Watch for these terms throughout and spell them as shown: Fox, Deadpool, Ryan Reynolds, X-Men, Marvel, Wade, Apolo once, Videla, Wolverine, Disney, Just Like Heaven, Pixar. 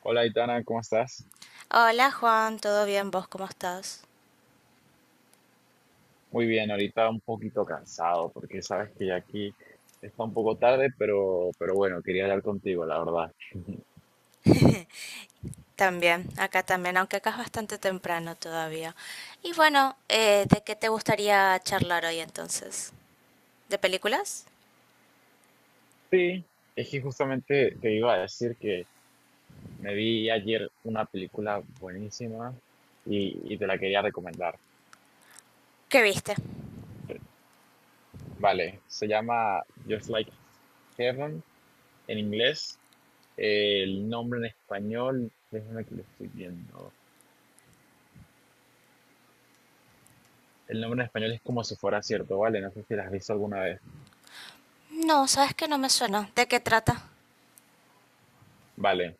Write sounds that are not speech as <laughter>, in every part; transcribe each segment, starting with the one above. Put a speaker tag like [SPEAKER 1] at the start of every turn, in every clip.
[SPEAKER 1] Hola, Itana, ¿cómo estás?
[SPEAKER 2] Hola Juan, ¿todo bien? ¿Vos cómo estás?
[SPEAKER 1] Muy bien, ahorita un poquito cansado porque sabes que ya aquí está un poco tarde, pero bueno, quería hablar contigo, la verdad. <laughs>
[SPEAKER 2] También, acá también, aunque acá es bastante temprano todavía. Y bueno, ¿de qué te gustaría charlar hoy entonces? ¿De películas?
[SPEAKER 1] Sí, es que justamente te iba a decir que me vi ayer una película buenísima y te la quería recomendar.
[SPEAKER 2] ¿Qué viste?
[SPEAKER 1] Vale, se llama Just Like Heaven en inglés. El nombre en español, déjame que lo estoy viendo. El nombre en español es como si fuera cierto, ¿vale? No sé si la has visto alguna vez.
[SPEAKER 2] No, sabes que no me suena. ¿De qué trata?
[SPEAKER 1] Vale.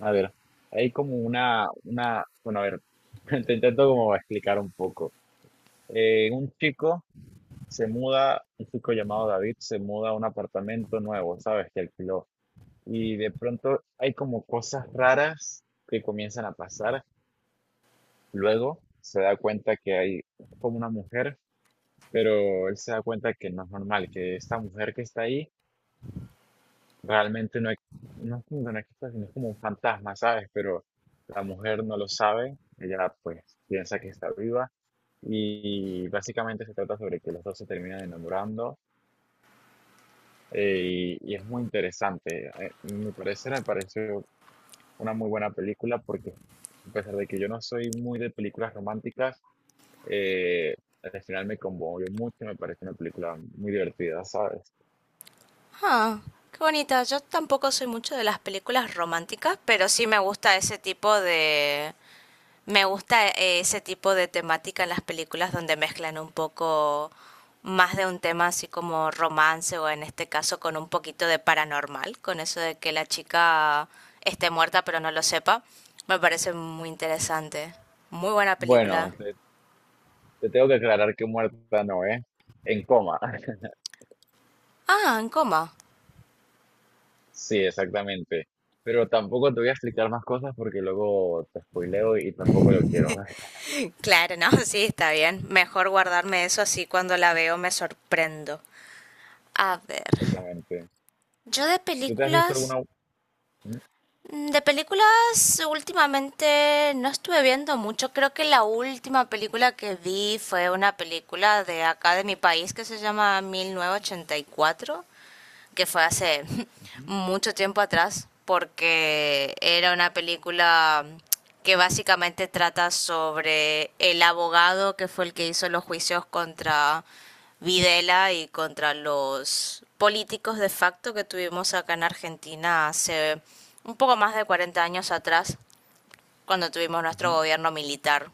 [SPEAKER 1] A ver, hay como bueno, a ver, <laughs> te intento como explicar un poco. Un chico se muda, un chico llamado David se muda a un apartamento nuevo, ¿sabes? Que alquiló. Y de pronto hay como cosas raras que comienzan a pasar. Luego se da cuenta que hay como una mujer, pero él se da cuenta que no es normal, que esta mujer que está ahí realmente no, no, es que no existe, sino es como un fantasma, ¿sabes? Pero la mujer no lo sabe, ella pues piensa que está viva y básicamente se trata sobre que los dos se terminan enamorando y es muy interesante. Me pareció una muy buena película porque a pesar de que yo no soy muy de películas románticas, eh, al final me conmovió mucho, me pareció una película muy divertida, ¿sabes?
[SPEAKER 2] Ah, qué bonita. Yo tampoco soy mucho de las películas románticas, pero sí me gusta ese tipo de me gusta ese tipo de temática en las películas donde mezclan un poco más de un tema así como romance o en este caso con un poquito de paranormal, con eso de que la chica esté muerta pero no lo sepa. Me parece muy interesante. Muy buena
[SPEAKER 1] Bueno,
[SPEAKER 2] película.
[SPEAKER 1] te tengo que aclarar que muerta no, ¿eh? En coma. <laughs>
[SPEAKER 2] Ah, en coma.
[SPEAKER 1] Sí, exactamente. Pero tampoco te voy a explicar más cosas porque luego te spoileo y tampoco lo quiero. <laughs>
[SPEAKER 2] Claro, no, <laughs> sí, está bien. Mejor guardarme eso así cuando la veo me sorprendo. A ver,
[SPEAKER 1] Exactamente.
[SPEAKER 2] yo de
[SPEAKER 1] ¿Tú te has visto
[SPEAKER 2] películas
[SPEAKER 1] alguna? Mm,
[SPEAKER 2] Mm, de películas, últimamente no estuve viendo mucho. Creo que la última película que vi fue una película de acá de mi país que se llama 1984, que fue hace <laughs>
[SPEAKER 1] ujú,
[SPEAKER 2] mucho tiempo atrás, porque era una película que básicamente trata sobre el abogado que fue el que hizo los juicios contra Videla y contra los políticos de facto que tuvimos acá en Argentina hace un poco más de 40 años atrás, cuando tuvimos
[SPEAKER 1] ujú,
[SPEAKER 2] nuestro gobierno militar.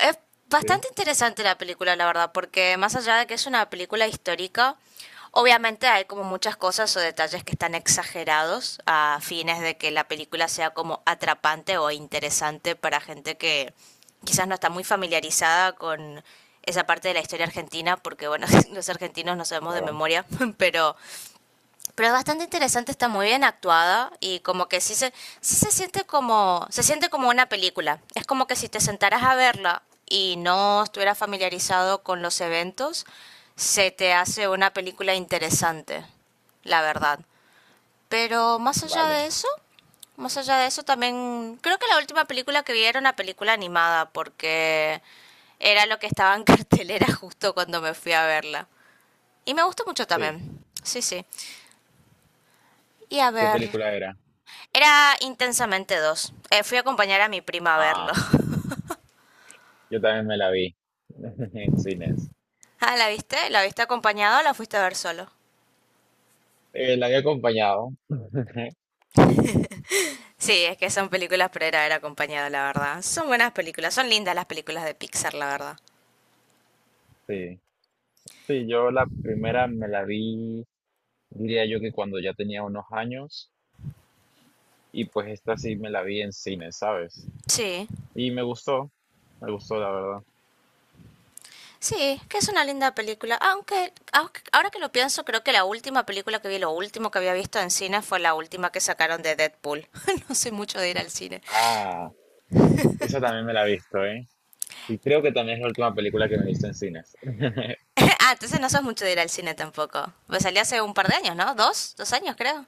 [SPEAKER 2] Es
[SPEAKER 1] Sí,
[SPEAKER 2] bastante interesante la película, la verdad, porque más allá de que es una película histórica, obviamente hay como muchas cosas o detalles que están exagerados a fines de que la película sea como atrapante o interesante para gente que quizás no está muy familiarizada con esa parte de la historia argentina, porque bueno, <laughs> los argentinos no sabemos de
[SPEAKER 1] claro.
[SPEAKER 2] memoria, <laughs> pero pero es bastante interesante, está muy bien actuada y como que sí se siente como, se siente como una película. Es como que si te sentaras a verla y no estuvieras familiarizado con los eventos, se te hace una película interesante, la verdad. Pero más allá de
[SPEAKER 1] Vale.
[SPEAKER 2] eso, también creo que la última película que vi era una película animada porque era lo que estaba en <laughs> cartelera justo cuando me fui a verla. Y me gustó mucho
[SPEAKER 1] Sí.
[SPEAKER 2] también. Sí, sí. Y a
[SPEAKER 1] ¿Qué
[SPEAKER 2] ver,
[SPEAKER 1] película era?
[SPEAKER 2] era intensamente dos. Fui a acompañar a mi prima a verlo.
[SPEAKER 1] Ah,
[SPEAKER 2] <laughs>
[SPEAKER 1] yo también me la vi <laughs> en cines.
[SPEAKER 2] Ah, ¿la viste? ¿La viste acompañado o la fuiste a ver solo?
[SPEAKER 1] La había acompañado. <laughs>
[SPEAKER 2] Sí, es que son películas pero era ver acompañado, la verdad. Son buenas películas, son lindas las películas de Pixar, la verdad.
[SPEAKER 1] Sí. Sí, yo la primera me la vi, diría yo que cuando ya tenía unos años. Y pues esta sí me la vi en cine, ¿sabes?
[SPEAKER 2] Sí,
[SPEAKER 1] Y me gustó la verdad.
[SPEAKER 2] sí, que es una linda película. Ahora que lo pienso, creo que la última película que vi, lo último que había visto en cine fue la última que sacaron de Deadpool. <laughs> No soy mucho de ir al cine.
[SPEAKER 1] Ah, esa también me la he visto, ¿eh? Y creo que también es la última película que me he visto en cines. <laughs>
[SPEAKER 2] <laughs> Ah, entonces no sos mucho de ir al cine tampoco. Pues salí hace un par de años, ¿no? ¿Dos? ¿Dos años, creo?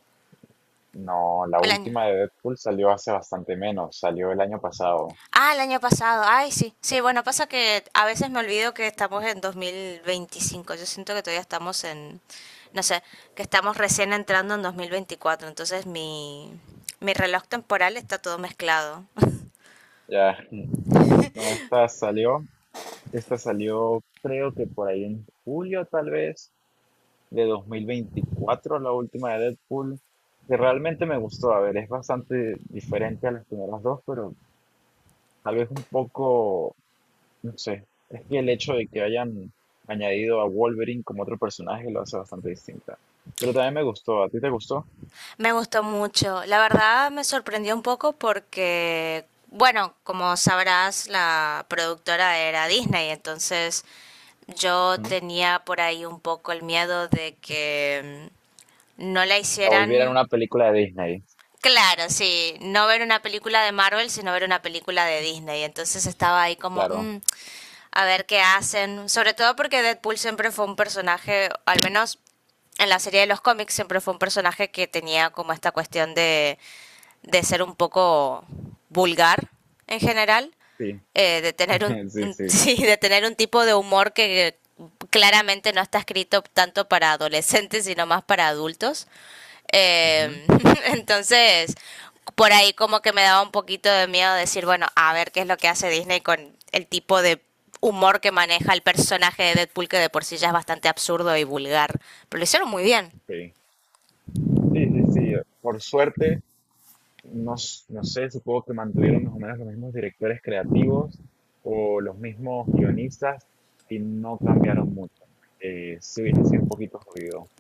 [SPEAKER 1] No, la
[SPEAKER 2] Al año.
[SPEAKER 1] última de Deadpool salió hace bastante menos, salió el año pasado.
[SPEAKER 2] Ah, el año pasado. Ay, sí. Sí, bueno, pasa que a veces me olvido que estamos en 2025. Yo siento que todavía estamos en, no sé, que estamos recién entrando en 2024. Entonces mi reloj temporal está todo mezclado. <laughs>
[SPEAKER 1] Ya, no, esta salió creo que por ahí en julio tal vez de 2024 la última de Deadpool, que realmente me gustó. A ver, es bastante diferente a las primeras dos, pero tal vez un poco no sé, es que el hecho de que hayan añadido a Wolverine como otro personaje lo hace bastante distinta. Pero también me gustó, ¿a ti te gustó?
[SPEAKER 2] Me gustó mucho. La verdad me sorprendió un poco porque, bueno, como sabrás, la productora era Disney. Entonces yo
[SPEAKER 1] Ujú.
[SPEAKER 2] tenía por ahí un poco el miedo de que no la
[SPEAKER 1] La volvieran
[SPEAKER 2] hicieran.
[SPEAKER 1] una película de Disney,
[SPEAKER 2] Claro, sí, no ver una película de Marvel, sino ver una película de Disney. Entonces estaba ahí como,
[SPEAKER 1] claro.
[SPEAKER 2] a ver qué hacen. Sobre todo porque Deadpool siempre fue un personaje, al menos en la serie de los cómics, siempre fue un personaje que tenía como esta cuestión de ser un poco vulgar en general,
[SPEAKER 1] Sí,
[SPEAKER 2] de tener
[SPEAKER 1] <laughs> sí,
[SPEAKER 2] <laughs>
[SPEAKER 1] sí.
[SPEAKER 2] sí, de tener un tipo de humor que claramente no está escrito tanto para adolescentes, sino más para adultos.
[SPEAKER 1] Ujú,
[SPEAKER 2] Eh, <laughs> entonces, por ahí como que me daba un poquito de miedo decir, bueno, a ver qué es lo que hace Disney con el tipo de humor que maneja el personaje de Deadpool, que de por sí ya es bastante absurdo y vulgar. Pero lo hicieron muy bien.
[SPEAKER 1] sí, sí, sí, sí. Por suerte, no, no sé, supongo que mantuvieron más o menos los mismos directores creativos o los mismos guionistas y no cambiaron mucho. Sí hubiese sido un poquito jodido.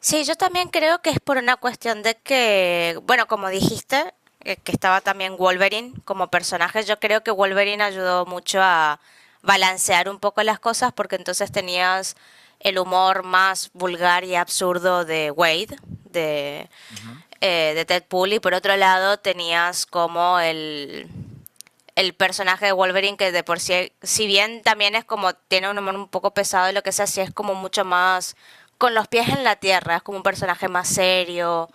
[SPEAKER 2] Sí, yo también creo que es por una cuestión de que, bueno, como dijiste, que estaba también Wolverine como personaje, yo creo que Wolverine ayudó mucho a balancear un poco las cosas porque entonces tenías el humor más vulgar y absurdo de Wade, de,
[SPEAKER 1] Ujú.
[SPEAKER 2] de Ted Pool, y por otro lado tenías como el personaje de Wolverine, que de por sí, si bien también es como, tiene un humor un poco pesado y lo que sea, sí es como mucho más con los pies en la tierra, es como un personaje más serio,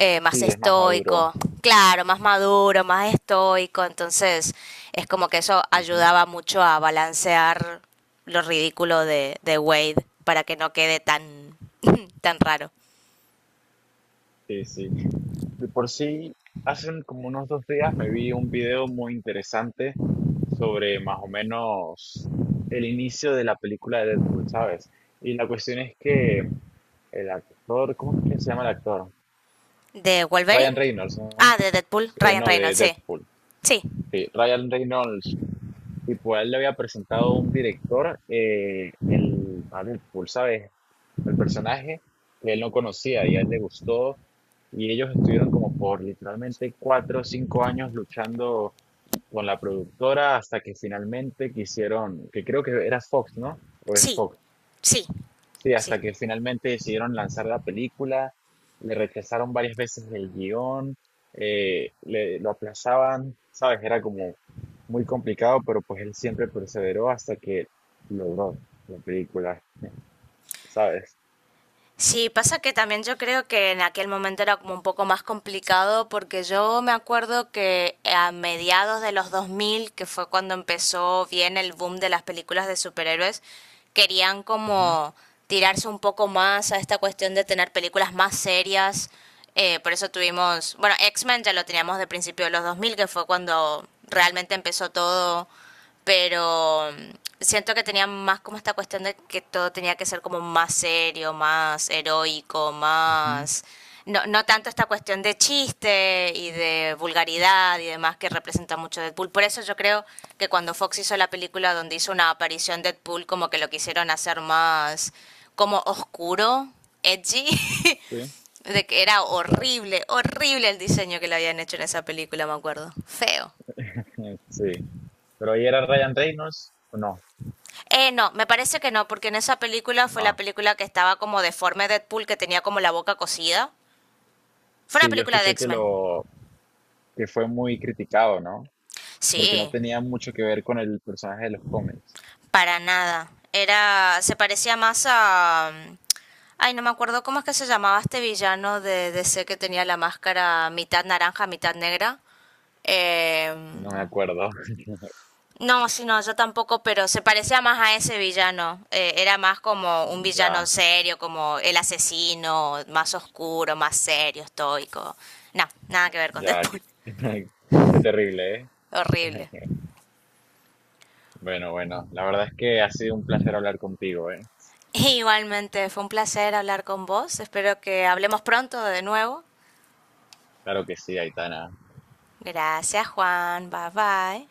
[SPEAKER 2] más
[SPEAKER 1] Sí, es más maduro.
[SPEAKER 2] estoico, claro, más maduro, más estoico, entonces es como que eso
[SPEAKER 1] Ujú,
[SPEAKER 2] ayudaba mucho a balancear lo ridículo de Wade para que no quede tan, <laughs> <clears throat> tan raro.
[SPEAKER 1] Sí, sí. De por sí, como unos dos días me vi un video muy interesante sobre más o menos el inicio de la película de Deadpool, ¿sabes? Y la cuestión es que el actor, ¿cómo es que se llama el actor?
[SPEAKER 2] ¿De Wolverine?
[SPEAKER 1] Ryan Reynolds, ¿no?
[SPEAKER 2] Ah, de Deadpool, Ryan
[SPEAKER 1] No,
[SPEAKER 2] Reynolds,
[SPEAKER 1] de
[SPEAKER 2] sí.
[SPEAKER 1] Deadpool.
[SPEAKER 2] Sí,
[SPEAKER 1] Sí, Ryan Reynolds, tipo, a él le había presentado un director a Deadpool, ¿sabes? Al personaje que él no conocía y a él le gustó. Y ellos estuvieron como por literalmente 4 o 5 años luchando con la productora hasta que finalmente quisieron, que creo que era Fox, ¿no? O es
[SPEAKER 2] sí,
[SPEAKER 1] Fox.
[SPEAKER 2] sí,
[SPEAKER 1] Sí,
[SPEAKER 2] sí.
[SPEAKER 1] hasta que finalmente decidieron lanzar la película, le rechazaron varias veces el guión, lo aplazaban, ¿sabes? Era como muy complicado, pero pues él siempre perseveró hasta que logró la película, ¿sabes?
[SPEAKER 2] Sí, pasa que también yo creo que en aquel momento era como un poco más complicado porque yo me acuerdo que a mediados de los 2000 que fue cuando empezó bien el boom de las películas de superhéroes, querían
[SPEAKER 1] Ujú,
[SPEAKER 2] como tirarse un poco más a esta cuestión de tener películas más serias. Por eso tuvimos, bueno, X-Men ya lo teníamos de principio de los 2000 que fue cuando realmente empezó todo, pero siento que tenía más como esta cuestión de que todo tenía que ser como más serio, más heroico,
[SPEAKER 1] ujú,
[SPEAKER 2] más... No, no tanto esta cuestión de chiste y de vulgaridad y demás que representa mucho Deadpool. Por eso yo creo que cuando Fox hizo la película donde hizo una aparición Deadpool, como que lo quisieron hacer más como oscuro, edgy,
[SPEAKER 1] sí.
[SPEAKER 2] <laughs> de que era
[SPEAKER 1] Claro.
[SPEAKER 2] horrible, horrible el diseño que le habían hecho en esa película, me acuerdo. Feo.
[SPEAKER 1] <laughs> Sí, pero ahí era Ryan Reynolds, ¿o no,
[SPEAKER 2] No, me parece que no, porque en esa película fue la
[SPEAKER 1] no,
[SPEAKER 2] película que estaba como deforme Deadpool, que tenía como la boca cosida. Fue una
[SPEAKER 1] sí, yo
[SPEAKER 2] película de
[SPEAKER 1] escuché que
[SPEAKER 2] X-Men.
[SPEAKER 1] lo que fue muy criticado, ¿no? Porque no
[SPEAKER 2] Sí,
[SPEAKER 1] tenía mucho que ver con el personaje de los cómics,
[SPEAKER 2] para nada. Se parecía más a... ay, no me acuerdo cómo es que se llamaba este villano de DC que tenía la máscara mitad naranja, mitad negra. Eh,
[SPEAKER 1] no me acuerdo. <laughs>
[SPEAKER 2] No, sí, no, yo tampoco, pero se parecía más a ese villano. Era más como un villano
[SPEAKER 1] Ya,
[SPEAKER 2] serio, como el asesino, más oscuro, más serio, estoico. No, nada que ver con
[SPEAKER 1] ya, qué,
[SPEAKER 2] Deadpool.
[SPEAKER 1] <laughs> qué terrible,
[SPEAKER 2] <laughs>
[SPEAKER 1] ¿eh?
[SPEAKER 2] Horrible.
[SPEAKER 1] <laughs> Bueno, bueno, la verdad es que ha sido un placer hablar contigo, ¿eh?
[SPEAKER 2] Igualmente, fue un placer hablar con vos. Espero que hablemos pronto de nuevo.
[SPEAKER 1] Claro que sí, Aitana.
[SPEAKER 2] Gracias, Juan. Bye bye.